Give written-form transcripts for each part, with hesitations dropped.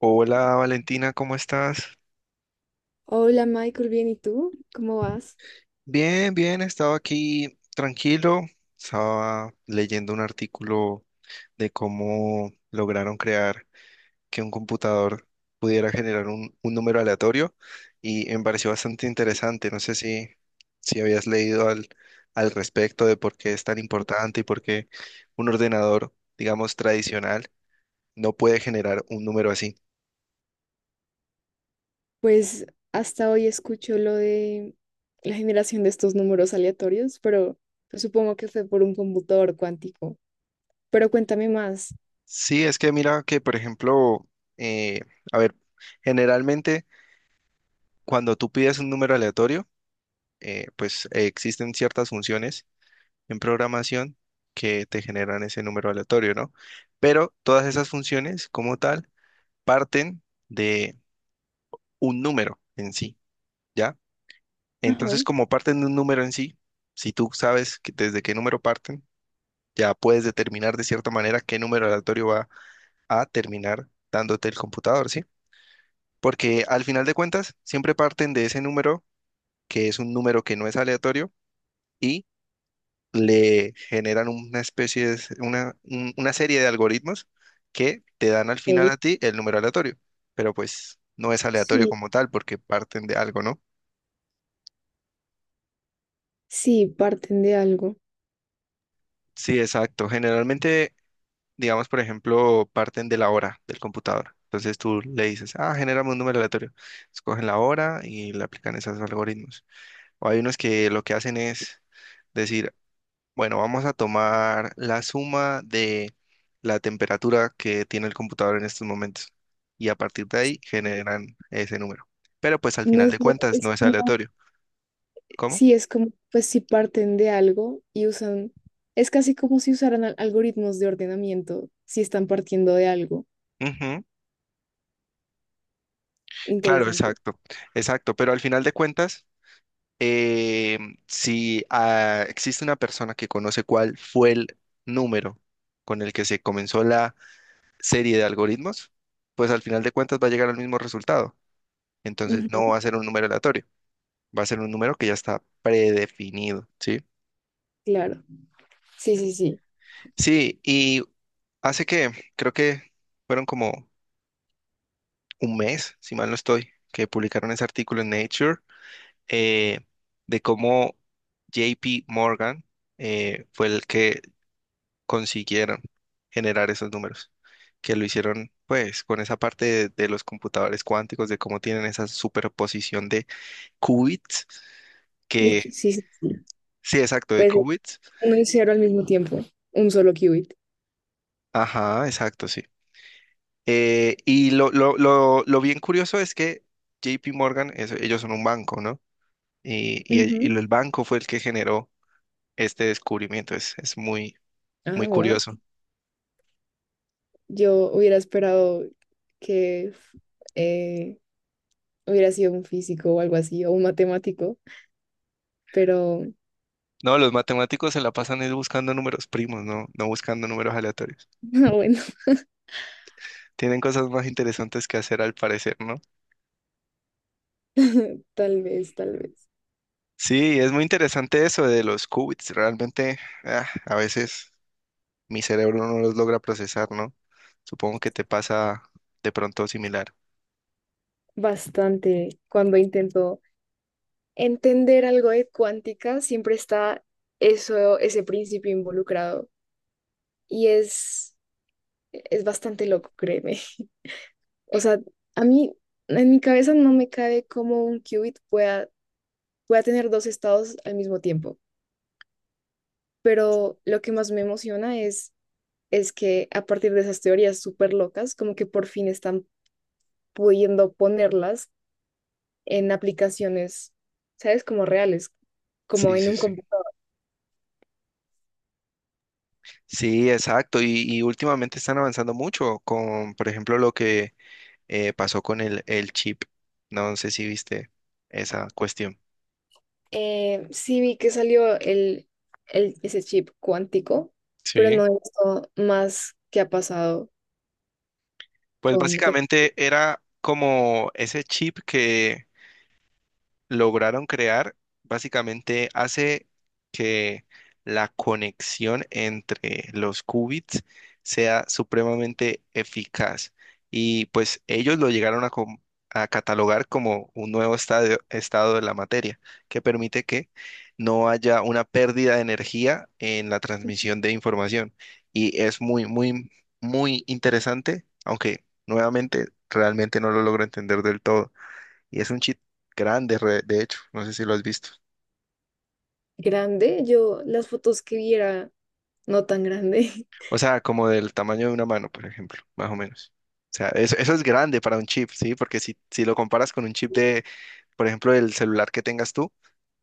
Hola Valentina, ¿cómo estás? Hola Michael, bien, ¿y tú? ¿Cómo vas? Bien, estaba aquí tranquilo, estaba leyendo un artículo de cómo lograron crear que un computador pudiera generar un número aleatorio y me pareció bastante interesante. No sé si habías leído al respecto de por qué es tan importante y por qué un ordenador, digamos, tradicional no puede generar un número así. Pues hasta hoy escucho lo de la generación de estos números aleatorios, pero pues, supongo que fue por un computador cuántico. Pero cuéntame más. Sí, es que mira que, por ejemplo, eh, a ver, generalmente cuando tú pides un número aleatorio, existen ciertas funciones en programación que te generan ese número aleatorio, ¿no? Pero todas esas funciones como tal parten de un número en sí, ¿ya? Ajá. Entonces, como parten de un número en sí, si tú sabes que desde qué número parten, ya puedes determinar de cierta manera qué número aleatorio va a terminar dándote el computador, ¿sí? Porque al final de cuentas siempre parten de ese número, que es un número que no es aleatorio, y le generan una especie de, una, una serie de algoritmos que te dan al final Ok. a ti el número aleatorio, pero pues no es aleatorio Sí, como tal porque parten de algo, ¿no? sí, parten de algo. Sí, exacto. Generalmente, digamos, por ejemplo, parten de la hora del computador. Entonces tú le dices, ah, genérame un número aleatorio. Escogen la hora y le aplican esos algoritmos. O hay unos que lo que hacen es decir, bueno, vamos a tomar la suma de la temperatura que tiene el computador en estos momentos y a partir de ahí generan ese número. Pero pues al No final de sé, cuentas es no es como, aleatorio. ¿Cómo? sí, es como, pues si parten de algo y usan, es casi como si usaran algoritmos de ordenamiento, si están partiendo de algo. Ujú. Claro, Interesante. exacto. Pero al final de cuentas, eh, si ah, existe una persona que conoce cuál fue el número con el que se comenzó la serie de algoritmos, pues al final de cuentas va a llegar al mismo resultado. Entonces no Ujú. va a ser un número aleatorio. Va a ser un número que ya está predefinido, ¿sí? Claro. Sí, sí, sí. Sí, y hace que, creo que fueron como un mes, si mal no estoy, que publicaron ese artículo en Nature, eh, de cómo JP Morgan fue el que consiguieron generar esos números, que lo hicieron pues con esa parte de los computadores cuánticos, de cómo tienen esa superposición de qubits, que Sí, sí, sí. sí, exacto, de Pues qubits. uno y cero al mismo tiempo, un solo qubit. Ajá, exacto, sí. Y lo bien curioso es que JP Morgan, ellos son un banco, ¿no? Y, y, el y Ujú. el banco fue el que generó este descubrimiento. Es muy, Ah, muy wow. curioso. Yo hubiera esperado que eh, hubiera sido un físico o algo así, o un matemático, pero No, los matemáticos se la pasan es buscando números primos, no buscando números aleatorios. ah, bueno, Tienen cosas más interesantes que hacer al parecer, ¿no? tal vez, tal vez. Sí, es muy interesante eso de los qubits. Realmente, ah, a veces mi cerebro no los logra procesar, ¿no? Supongo que te pasa de pronto similar. Bastante cuando intento entender algo de cuántica, siempre está eso, ese principio involucrado y es bastante loco, créeme. O sea, a mí en mi cabeza no me cabe cómo un qubit pueda voy a tener dos estados al mismo tiempo. Pero lo que más me emociona es que a partir de esas teorías súper locas, como que por fin están pudiendo ponerlas en aplicaciones, ¿sabes? Como reales, como Sí, en sí, un sí. computador. Sí, exacto. Y últimamente están avanzando mucho con, por ejemplo, lo que pasó con el chip. No sé si viste esa cuestión. Sí vi que salió el, ese chip cuántico, pero Sí. no he visto más que ha pasado Pues con básicamente era como ese chip que lograron crear básicamente hace que la conexión entre los qubits sea supremamente eficaz. Y pues ellos lo llegaron a catalogar como un nuevo estado de la materia, que permite que no haya una pérdida de energía en la transmisión de información. Y es muy interesante, aunque nuevamente realmente no lo logro entender del todo. Y es un chip grande, de hecho, no sé si lo has visto. grande. Yo las fotos que viera, no tan grande. O sea, como del tamaño de una mano, por ejemplo, más o menos. O sea, eso es grande para un chip, ¿sí? Porque si lo comparas con un chip de, por ejemplo, el celular que tengas tú,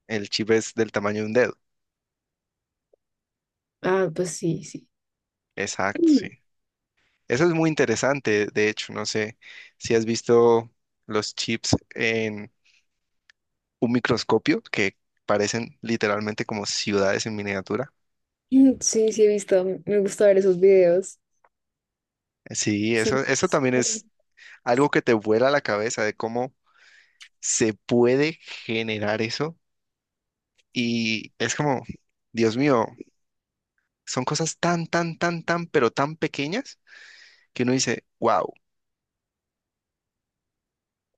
el chip es del tamaño de un dedo. Ah, pues sí, sí. Exacto, sí. Eso es muy interesante, de hecho, no sé si has visto los chips en un microscopio que parecen literalmente como ciudades en miniatura. Mm, sí, sí he visto, me gusta ver esos videos. Sí, eso, Son- eso también es algo que te vuela la cabeza de cómo se puede generar eso y es como, Dios mío, son cosas pero tan pequeñas que uno dice, wow,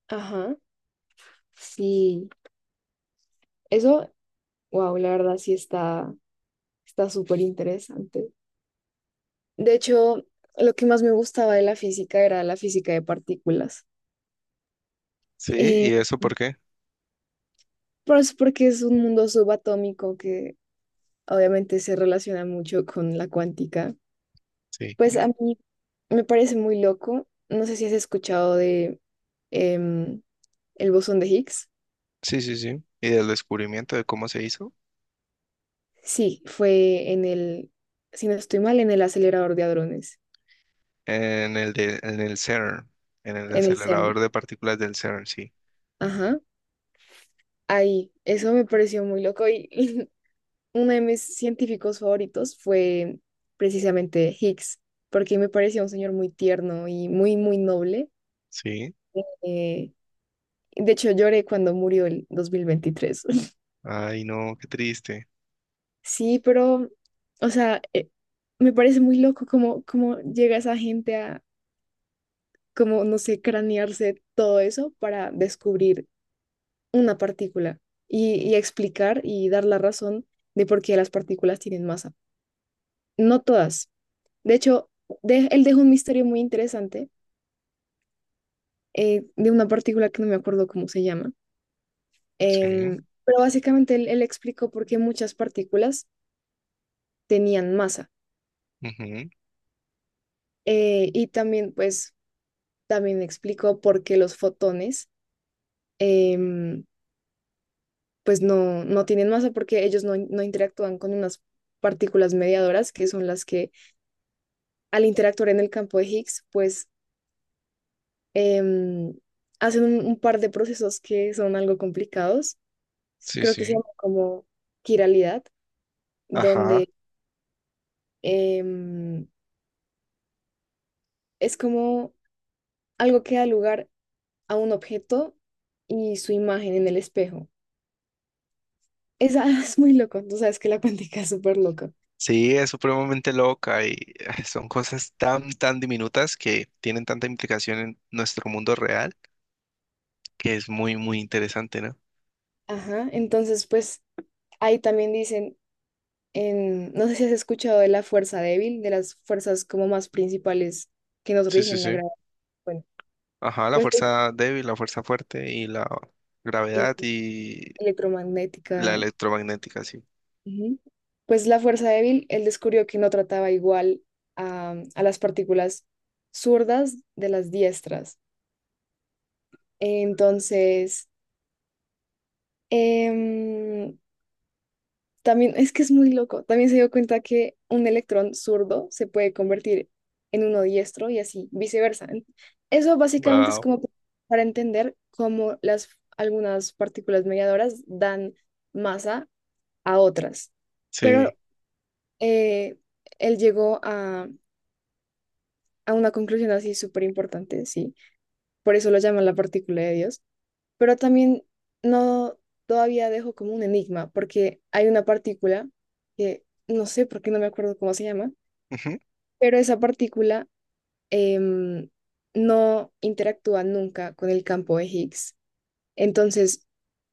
Ajá, sí. Eso, wow, la verdad sí está, está súper interesante. De hecho, lo que más me gustaba de la física era la física de partículas. ¿sí? Eh, ¿Y eso por qué? pues porque es un mundo subatómico que obviamente se relaciona mucho con la cuántica. Sí, Pues a mí me parece muy loco. No sé si has escuchado de em, el bosón de Higgs. sí, sí, sí. Y del descubrimiento de cómo se hizo Sí, fue en si no estoy mal, en el acelerador de hadrones, en en el CERN, en el en el CERN. acelerador de partículas del CERN, sí, Ajá, ahí. Eso me pareció muy loco y, uno de mis científicos favoritos fue precisamente Higgs, porque me parecía un señor muy tierno y muy, muy noble. sí. Eh, de hecho, lloré cuando murió el 2023. Ay, no, qué triste. Sí, pero, o sea, me parece muy loco cómo, cómo llega esa gente a, como, no sé, cranearse todo eso para descubrir una partícula y explicar y dar la razón de por qué las partículas tienen masa. No todas. De hecho, él dejó un misterio muy interesante de una partícula que no me acuerdo cómo se llama. Sí, Pero básicamente él, él explicó por qué muchas partículas tenían masa. ujú. Y también, pues, también explicó por qué los fotones, em, pues, no, no tienen masa porque ellos no, no interactúan con unas partículas mediadoras que son las que al interactuar en el campo de Higgs, pues em, hacen un par de procesos que son algo complicados. Sí, Creo que se sí. llama como quiralidad, Ajá. donde em, es como algo que da lugar a un objeto y su imagen en el espejo. Esa es muy loco, tú sabes que la cuántica es súper loca. Sí, es supremamente loca y son cosas tan diminutas que tienen tanta implicación en nuestro mundo real que es muy interesante, ¿no? Ajá, entonces pues ahí también dicen, en, no sé si has escuchado de la fuerza débil, de las fuerzas como más principales que nos Sí, sí, rigen la sí. gravedad. Bueno, Ajá, la pues fuerza débil, la fuerza fuerte y la y gravedad y la electromagnética. electromagnética, sí. Ujú. Pues la fuerza débil, él descubrió que no trataba igual a las partículas zurdas de las diestras. Entonces, em, también es que es muy loco. También se dio cuenta que un electrón zurdo se puede convertir en uno diestro y así viceversa. En- Eso básicamente es Wow. como para entender cómo las, algunas partículas mediadoras dan masa a otras. Sí. Pero eh, él llegó a una conclusión así súper importante, sí. Por eso lo llaman la partícula de Dios. Pero también no todavía dejo como un enigma, porque hay una partícula que no sé por qué no me acuerdo cómo se llama, Ujú. pero esa partícula em, no interactúa nunca con el campo de Higgs. Entonces,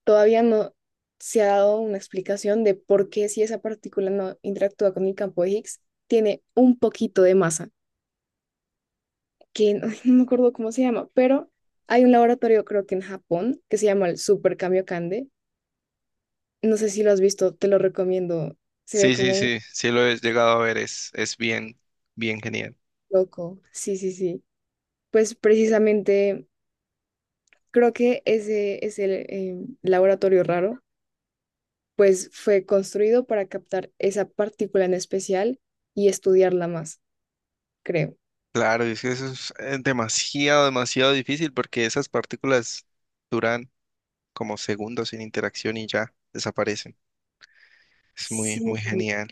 todavía no se ha dado una explicación de por qué si esa partícula no interactúa con el campo de Higgs, tiene un poquito de masa. Que no no me acuerdo cómo se llama, pero hay un laboratorio creo que en Japón que se llama el Super Kamiokande. No sé si lo has visto, te lo recomiendo. Se ve Sí, sí, como un sí, sí lo he llegado a ver, es bien, bien genial. loco. Sí, sí, sí. Pues precisamente creo que ese es el laboratorio raro, pues fue construido para captar esa partícula en especial y estudiarla más, creo. Claro, es que eso es demasiado, demasiado difícil porque esas partículas duran como segundos sin interacción y ya desaparecen. Es muy, Sí, muy genial.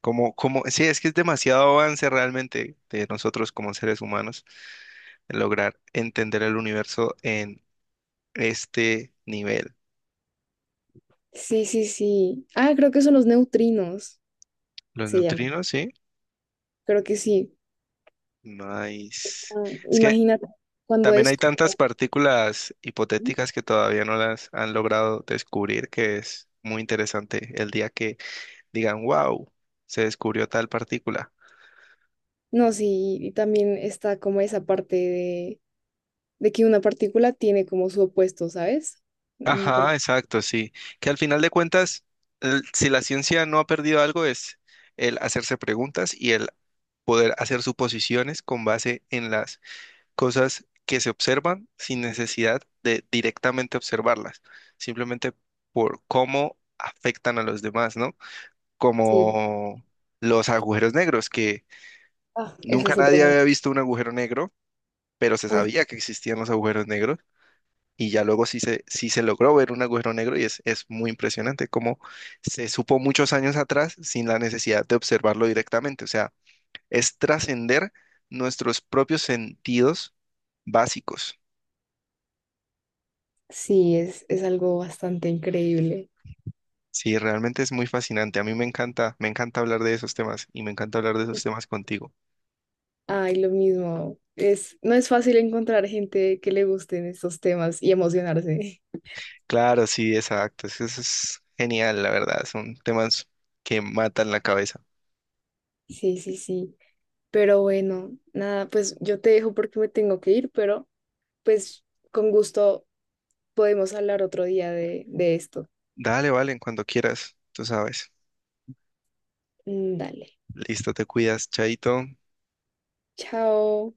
Sí, es que es demasiado avance realmente de nosotros como seres humanos en lograr entender el universo en este nivel. sí, sí, sí. Ah, creo que son los neutrinos, Los se llama. neutrinos, sí. Creo que sí. Nice. Ah, Es que imagínate cuando también es hay tantas partículas hipotéticas que todavía no las han logrado descubrir, que es muy interesante el día que digan, wow, se descubrió tal partícula. no, sí, y también está como esa parte de que una partícula tiene como su opuesto, ¿sabes? No me acuerdo. Ajá, exacto, sí. Que al final de cuentas, si la ciencia no ha perdido algo, es el hacerse preguntas y el poder hacer suposiciones con base en las cosas que se observan sin necesidad de directamente observarlas, simplemente por cómo afectan a los demás, ¿no? Sí. Como los agujeros negros, que Ah, eso nunca es otro nadie mundo. había visto un agujero negro, pero se Ah, sabía que existían los agujeros negros y ya luego sí se logró ver un agujero negro y es muy impresionante cómo se supo muchos años atrás sin la necesidad de observarlo directamente. O sea, es trascender nuestros propios sentidos básicos. sí, es algo bastante increíble. Sí, realmente es muy fascinante. A mí me encanta hablar de esos temas y me encanta hablar de esos temas contigo. Ay, lo mismo. Es, no es fácil encontrar gente que le gusten estos temas y emocionarse. Claro, sí, exacto. Eso es genial, la verdad. Son temas que matan la cabeza. Sí, sí, sí. Pero bueno, nada, pues yo te dejo porque me tengo que ir, pero pues con gusto podemos hablar otro día de esto. Dale, vale, cuando quieras, tú sabes. Mm, dale. Listo, te cuidas, chaito. Chao.